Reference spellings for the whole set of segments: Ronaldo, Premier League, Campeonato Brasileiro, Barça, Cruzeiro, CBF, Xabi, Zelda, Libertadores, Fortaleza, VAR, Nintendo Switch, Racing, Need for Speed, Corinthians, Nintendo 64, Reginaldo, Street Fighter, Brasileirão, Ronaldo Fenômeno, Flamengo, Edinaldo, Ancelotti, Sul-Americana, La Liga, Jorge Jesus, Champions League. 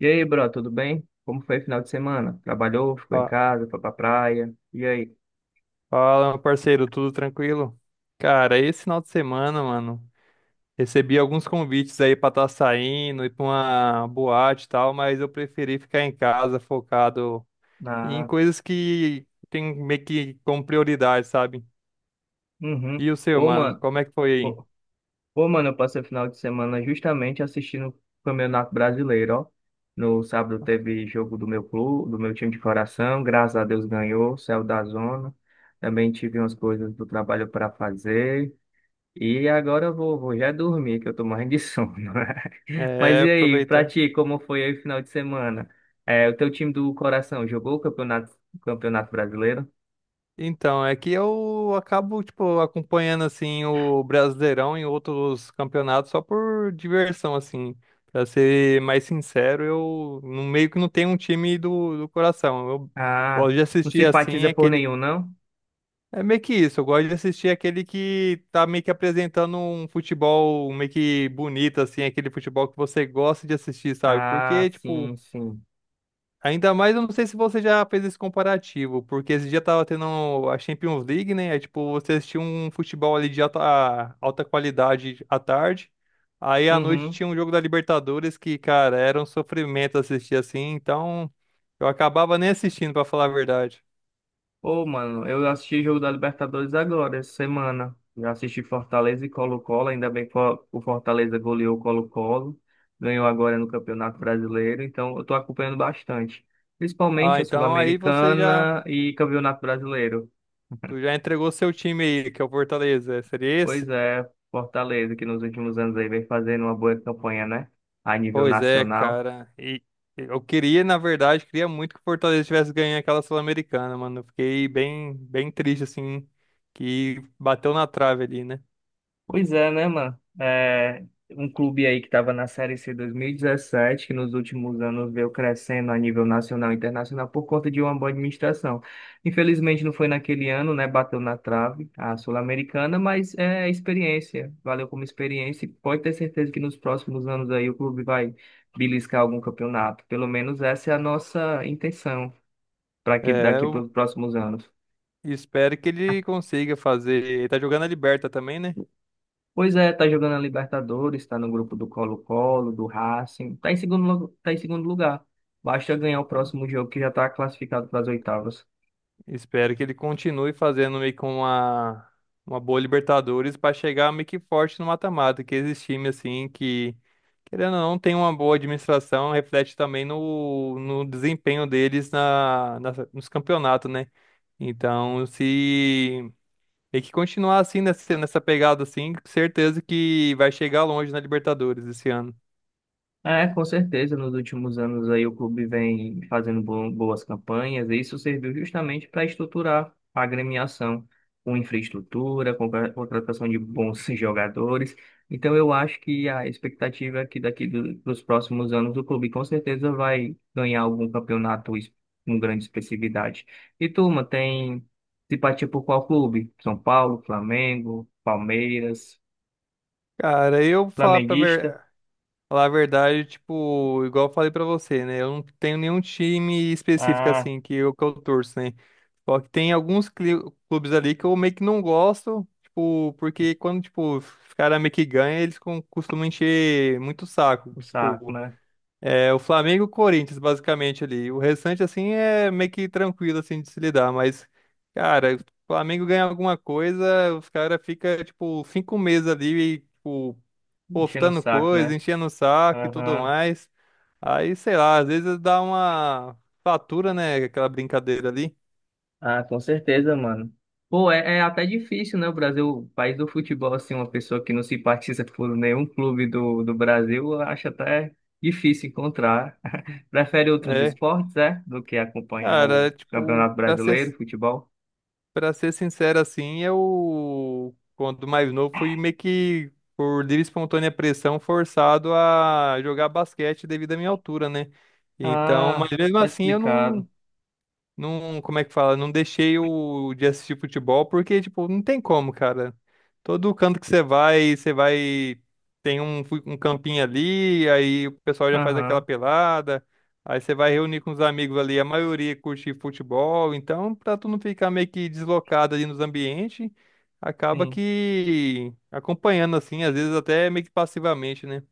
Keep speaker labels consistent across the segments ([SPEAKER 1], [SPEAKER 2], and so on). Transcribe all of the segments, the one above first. [SPEAKER 1] E aí, bro, tudo bem? Como foi o final de semana? Trabalhou, ficou em
[SPEAKER 2] Fa-
[SPEAKER 1] casa, foi pra praia? E aí?
[SPEAKER 2] Fala, meu parceiro, tudo tranquilo? Cara, esse final de semana, mano, recebi alguns convites aí pra estar saindo, ir pra uma boate e tal, mas eu preferi ficar em casa focado em
[SPEAKER 1] Na...
[SPEAKER 2] coisas que tem meio que como prioridade, sabe?
[SPEAKER 1] Uhum.
[SPEAKER 2] E o seu,
[SPEAKER 1] Pô,
[SPEAKER 2] mano,
[SPEAKER 1] mano,
[SPEAKER 2] como é que foi aí?
[SPEAKER 1] pô, pô, mano, eu passei o final de semana justamente assistindo o Campeonato Brasileiro, ó. No sábado teve jogo do meu clube, do meu time de coração, graças a Deus ganhou, saiu da zona. Também tive umas coisas do trabalho para fazer. E agora eu vou já dormir, que eu tô morrendo de sono. Mas
[SPEAKER 2] É,
[SPEAKER 1] e aí, pra
[SPEAKER 2] aproveitar.
[SPEAKER 1] ti, como foi aí o final de semana? É, o teu time do coração jogou o campeonato brasileiro?
[SPEAKER 2] Então, é que eu acabo, tipo, acompanhando, assim, o Brasileirão em outros campeonatos só por diversão, assim. Pra ser mais sincero, eu meio que não tenho um time do coração. Eu
[SPEAKER 1] Ah,
[SPEAKER 2] gosto de
[SPEAKER 1] não
[SPEAKER 2] assistir, assim,
[SPEAKER 1] simpatiza por
[SPEAKER 2] aquele...
[SPEAKER 1] nenhum, não?
[SPEAKER 2] É meio que isso, eu gosto de assistir aquele que tá meio que apresentando um futebol meio que bonito, assim, aquele futebol que você gosta de assistir, sabe?
[SPEAKER 1] Ah,
[SPEAKER 2] Porque, tipo,
[SPEAKER 1] sim, sim.
[SPEAKER 2] ainda mais, eu não sei se você já fez esse comparativo, porque esse dia tava tendo a Champions League, né? É tipo, você assistia um futebol ali de alta, alta qualidade à tarde, aí à noite
[SPEAKER 1] Uhum.
[SPEAKER 2] tinha um jogo da Libertadores que, cara, era um sofrimento assistir assim, então eu acabava nem assistindo, pra falar a verdade.
[SPEAKER 1] Ô, mano, eu assisti jogo da Libertadores agora, essa semana. Já assisti Fortaleza e Colo-Colo, ainda bem que o Fortaleza goleou o Colo-Colo, ganhou agora no Campeonato Brasileiro, então eu tô acompanhando bastante. Principalmente
[SPEAKER 2] Ah,
[SPEAKER 1] a
[SPEAKER 2] então aí você já,
[SPEAKER 1] Sul-Americana e Campeonato Brasileiro.
[SPEAKER 2] tu já entregou seu time aí, que é o Fortaleza, seria esse?
[SPEAKER 1] Pois é, Fortaleza, que nos últimos anos aí vem fazendo uma boa campanha, né? A nível
[SPEAKER 2] Pois é,
[SPEAKER 1] nacional.
[SPEAKER 2] cara. E eu queria, na verdade, queria muito que o Fortaleza tivesse ganho aquela Sul-Americana, mano. Eu fiquei bem, bem triste, assim, que bateu na trave ali, né?
[SPEAKER 1] Pois é, né, mano? É um clube aí que estava na Série C 2017, que nos últimos anos veio crescendo a nível nacional e internacional por conta de uma boa administração. Infelizmente não foi naquele ano, né? Bateu na trave a Sul-Americana, mas é experiência. Valeu como experiência e pode ter certeza que nos próximos anos aí o clube vai beliscar algum campeonato. Pelo menos essa é a nossa intenção. Para que
[SPEAKER 2] É,
[SPEAKER 1] daqui para
[SPEAKER 2] eu
[SPEAKER 1] os próximos anos.
[SPEAKER 2] espero que ele consiga fazer. Ele tá jogando a Liberta também, né?
[SPEAKER 1] Pois é, tá jogando a Libertadores, tá no grupo do Colo-Colo, do Racing, tá em segundo, tá em segundo lugar. Basta ganhar o
[SPEAKER 2] Tá.
[SPEAKER 1] próximo jogo que já tá classificado para as oitavas.
[SPEAKER 2] Espero que ele continue fazendo meio com uma boa Libertadores pra chegar meio que forte no mata-mata, que esses times, assim, que. Querendo ou não, tem uma boa administração, reflete também no desempenho deles nos campeonatos, né? Então, se tem que continuar assim, nessa pegada assim, certeza que vai chegar longe na Libertadores esse ano.
[SPEAKER 1] É, com certeza, nos últimos anos aí o clube vem fazendo boas campanhas e isso serviu justamente para estruturar a agremiação com infraestrutura, com a contratação de bons jogadores. Então eu acho que a expectativa é que daqui do, dos próximos anos o clube com certeza vai ganhar algum campeonato com grande expressividade. E turma, tem simpatia por qual clube? São Paulo, Flamengo, Palmeiras,
[SPEAKER 2] Cara, eu vou falar pra
[SPEAKER 1] flamenguista?
[SPEAKER 2] ver. Falar a verdade, tipo, igual eu falei pra você, né? Eu não tenho nenhum time específico,
[SPEAKER 1] Ah,
[SPEAKER 2] assim, que eu torço, né? Só que tem alguns clubes ali que eu meio que não gosto, tipo, porque quando, tipo, os caras meio que ganham, eles costumam encher muito o saco.
[SPEAKER 1] o saco,
[SPEAKER 2] Tipo,
[SPEAKER 1] né?
[SPEAKER 2] é o Flamengo e o Corinthians, basicamente, ali. O restante, assim, é meio que tranquilo, assim, de se lidar, mas, cara, o Flamengo ganha alguma coisa, os caras ficam, tipo, cinco meses ali, tipo,
[SPEAKER 1] Enchendo o
[SPEAKER 2] postando
[SPEAKER 1] saco,
[SPEAKER 2] coisa,
[SPEAKER 1] né?
[SPEAKER 2] enchendo o saco e tudo
[SPEAKER 1] Aham.
[SPEAKER 2] mais. Aí, sei lá, às vezes dá uma fatura, né? Aquela brincadeira ali.
[SPEAKER 1] Ah, com certeza, mano. Pô, é até difícil, né? O Brasil, país do futebol, assim, uma pessoa que não simpatiza por nenhum clube do Brasil, eu acho até difícil encontrar. Prefere outros
[SPEAKER 2] É,
[SPEAKER 1] esportes, é? Do que acompanhar
[SPEAKER 2] cara, é,
[SPEAKER 1] o
[SPEAKER 2] tipo,
[SPEAKER 1] Campeonato Brasileiro, futebol?
[SPEAKER 2] pra ser sincero assim, eu, quando mais novo, fui meio que, por livre e espontânea pressão, forçado a jogar basquete devido à minha altura, né? Então,
[SPEAKER 1] Ah,
[SPEAKER 2] mas mesmo
[SPEAKER 1] tá
[SPEAKER 2] assim, eu
[SPEAKER 1] explicado.
[SPEAKER 2] não. Não, como é que fala? Não deixei o de assistir futebol porque, tipo, não tem como, cara. Todo canto que você vai, você vai. Tem um, um campinho ali, aí o pessoal já faz aquela
[SPEAKER 1] Aham,
[SPEAKER 2] pelada. Aí você vai reunir com os amigos ali, a maioria curte futebol. Então, pra tu não ficar meio que deslocado ali nos ambientes, acaba
[SPEAKER 1] sim.
[SPEAKER 2] que acompanhando assim, às vezes até meio que passivamente, né?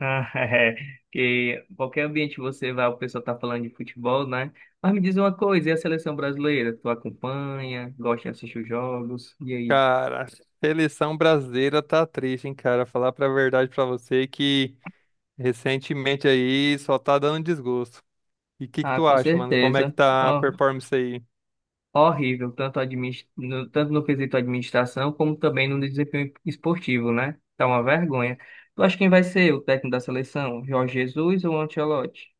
[SPEAKER 1] Ah, é, que qualquer ambiente que você vai, o pessoal tá falando de futebol, né? Mas me diz uma coisa, e a seleção brasileira? Tu acompanha, gosta de assistir os jogos? E aí?
[SPEAKER 2] Cara, seleção brasileira tá triste, hein, cara? Falar pra verdade pra você que. Recentemente aí só tá dando desgosto. E o que que
[SPEAKER 1] Ah,
[SPEAKER 2] tu
[SPEAKER 1] com
[SPEAKER 2] acha, mano? Como é que
[SPEAKER 1] certeza.
[SPEAKER 2] tá a
[SPEAKER 1] Ó,
[SPEAKER 2] performance aí?
[SPEAKER 1] horrível, tanto no quesito administração, como também no desempenho esportivo, né? Tá uma vergonha. Tu acha quem vai ser o técnico da seleção? Jorge Jesus ou Ancelotti?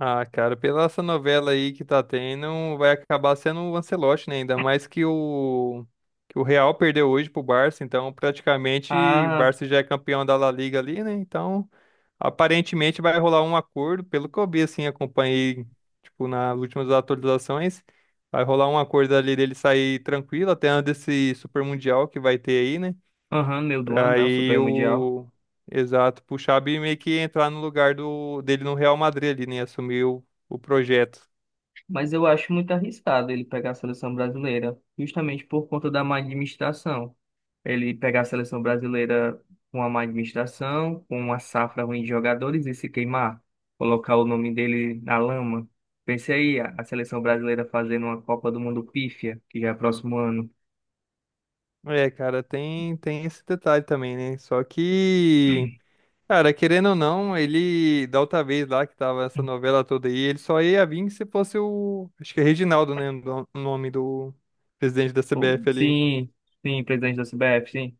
[SPEAKER 2] Ah, cara, pela essa novela aí que tá tendo, vai acabar sendo o Ancelotti, né? Ainda mais que o Real perdeu hoje pro Barça, então praticamente o
[SPEAKER 1] Ah,
[SPEAKER 2] Barça já é campeão da La Liga ali, né? Então, aparentemente vai rolar um acordo, pelo que eu vi assim, acompanhei tipo nas últimas atualizações, vai rolar um acordo ali dele sair tranquilo até antes desse Super Mundial que vai ter aí, né?
[SPEAKER 1] aham, meu do ano, né? O
[SPEAKER 2] Aí
[SPEAKER 1] Super Mundial.
[SPEAKER 2] o. Exato, pro Xabi meio que entrar no lugar do... dele no Real Madrid ali, né? Assumir o projeto.
[SPEAKER 1] Mas eu acho muito arriscado ele pegar a seleção brasileira, justamente por conta da má administração. Ele pegar a seleção brasileira com a má administração, com uma safra ruim de jogadores e se queimar, colocar o nome dele na lama. Pense aí, a seleção brasileira fazendo uma Copa do Mundo pífia, que já é próximo ano.
[SPEAKER 2] É, cara, tem esse detalhe também, né? Só que, cara, querendo ou não, ele, da outra vez lá que tava essa novela toda aí, ele só ia vir se fosse o, acho que é Reginaldo, né? O o nome do presidente da CBF ali.
[SPEAKER 1] Sim, sim, presidente da CBF, sim.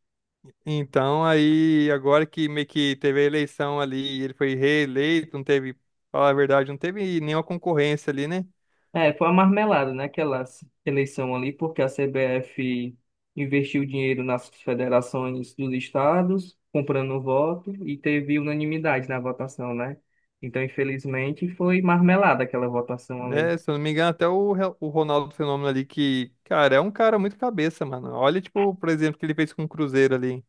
[SPEAKER 2] Então, aí, agora que meio que teve a eleição ali, e ele foi reeleito, não teve, falar a verdade, não teve nenhuma concorrência ali, né?
[SPEAKER 1] É, foi uma marmelada, né, eleição ali, porque a CBF investiu dinheiro nas federações dos estados, comprando voto, e teve unanimidade na votação, né? Então, infelizmente, foi marmelada aquela votação ali.
[SPEAKER 2] Né? Se eu não me engano, até o Ronaldo Fenômeno ali, que, cara, é um cara muito cabeça, mano. Olha, tipo, por exemplo, o que ele fez com o Cruzeiro ali.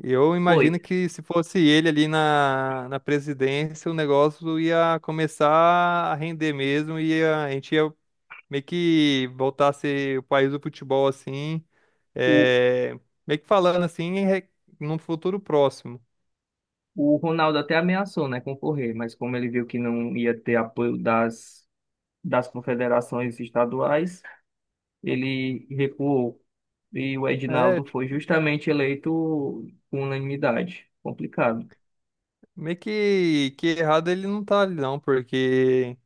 [SPEAKER 2] Eu
[SPEAKER 1] Foi.
[SPEAKER 2] imagino que se fosse ele ali na presidência, o negócio ia começar a render mesmo, e a gente ia meio que voltar a ser o país do futebol, assim,
[SPEAKER 1] O,
[SPEAKER 2] é, meio que falando assim, em num futuro próximo.
[SPEAKER 1] o Ronaldo até ameaçou, né, concorrer, mas como ele viu que não ia ter apoio das, das confederações estaduais, ele recuou. E o
[SPEAKER 2] É,
[SPEAKER 1] Edinaldo foi
[SPEAKER 2] tipo,
[SPEAKER 1] justamente eleito com unanimidade. Complicado.
[SPEAKER 2] meio que errado ele não tá ali, não, porque.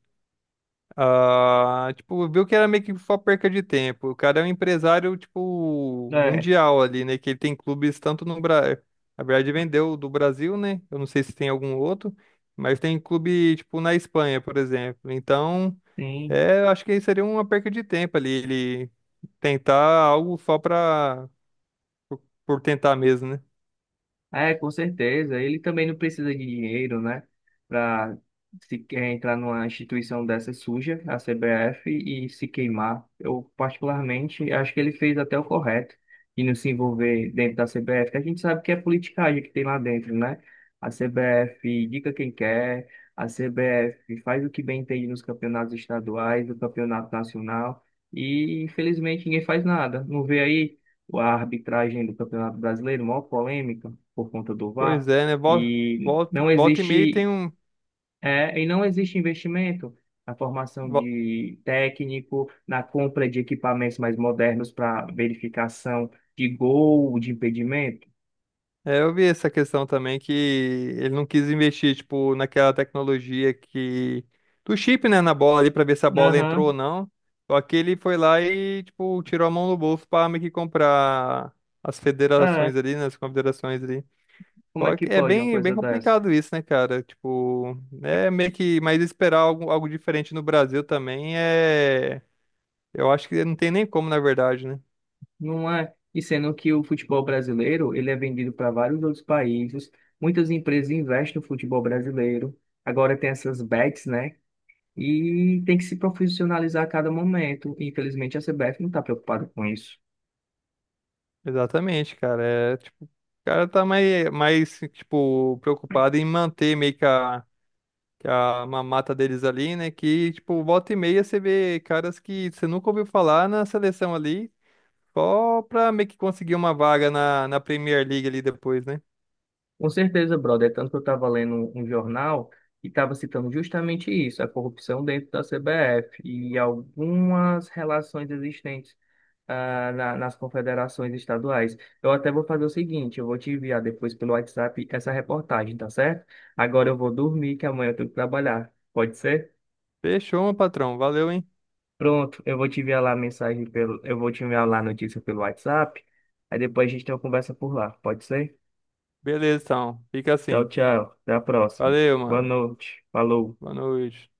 [SPEAKER 2] Ah, tipo, viu que era meio que só perca de tempo. O cara é um empresário, tipo,
[SPEAKER 1] É,
[SPEAKER 2] mundial ali, né? Que ele tem clubes tanto no Brasil. Na verdade, vendeu do Brasil, né? Eu não sei se tem algum outro, mas tem clube, tipo, na Espanha, por exemplo. Então,
[SPEAKER 1] sim.
[SPEAKER 2] é, eu acho que seria uma perca de tempo ali, ele tentar algo só pra, por tentar mesmo, né?
[SPEAKER 1] É, com certeza. Ele também não precisa de dinheiro, né? Para se quer entrar numa instituição dessa suja, a CBF, e se queimar. Eu, particularmente, acho que ele fez até o correto de não se envolver dentro da CBF, que a gente sabe que é politicagem que tem lá dentro, né? A CBF indica quem quer, a CBF faz o que bem entende nos campeonatos estaduais, no campeonato nacional, e infelizmente ninguém faz nada. Não vê aí a arbitragem do Campeonato Brasileiro, maior polêmica por conta do VAR,
[SPEAKER 2] Pois é, né? Volta,
[SPEAKER 1] e
[SPEAKER 2] volta,
[SPEAKER 1] não
[SPEAKER 2] volta e meia tem
[SPEAKER 1] existe,
[SPEAKER 2] um.
[SPEAKER 1] e não existe investimento na formação de técnico, na compra de equipamentos mais modernos para verificação de gol, de impedimento.
[SPEAKER 2] É, eu vi essa questão também que ele não quis investir, tipo, naquela tecnologia que... do chip, né, na bola ali pra ver se a bola entrou ou
[SPEAKER 1] Aham,
[SPEAKER 2] não. Só que ele foi lá e, tipo, tirou a mão do bolso pra meio que comprar as federações
[SPEAKER 1] é.
[SPEAKER 2] ali, né, as confederações ali.
[SPEAKER 1] Como é
[SPEAKER 2] Só
[SPEAKER 1] que
[SPEAKER 2] que é
[SPEAKER 1] pode uma
[SPEAKER 2] bem, bem
[SPEAKER 1] coisa dessa?
[SPEAKER 2] complicado isso, né, cara? Tipo, é meio que... Mas esperar algo, algo diferente no Brasil também é... Eu acho que não tem nem como, na verdade, né?
[SPEAKER 1] Não é. E sendo que o futebol brasileiro, ele é vendido para vários outros países, muitas empresas investem no futebol brasileiro. Agora tem essas bets, né? E tem que se profissionalizar a cada momento. E, infelizmente, a CBF não está preocupada com isso.
[SPEAKER 2] Exatamente, cara. É, tipo, o cara tá mais, tipo, preocupado em manter meio que que a mamata deles ali, né? Que, tipo, volta e meia você vê caras que você nunca ouviu falar na seleção ali, só pra meio que conseguir uma vaga na Premier League ali depois, né?
[SPEAKER 1] Com certeza, brother. É tanto que eu estava lendo um jornal e estava citando justamente isso, a corrupção dentro da CBF e algumas relações existentes nas confederações estaduais. Eu até vou fazer o seguinte, eu vou te enviar depois pelo WhatsApp essa reportagem, tá certo? Agora eu vou dormir, que amanhã eu tenho que trabalhar. Pode ser?
[SPEAKER 2] Fechou, meu patrão. Valeu, hein?
[SPEAKER 1] Pronto, eu vou te enviar lá a notícia pelo WhatsApp. Aí depois a gente tem uma conversa por lá, pode ser?
[SPEAKER 2] Beleza, então. Fica
[SPEAKER 1] Tchau,
[SPEAKER 2] assim.
[SPEAKER 1] tchau. Até a próxima.
[SPEAKER 2] Valeu,
[SPEAKER 1] Boa
[SPEAKER 2] mano.
[SPEAKER 1] noite. Falou.
[SPEAKER 2] Boa noite.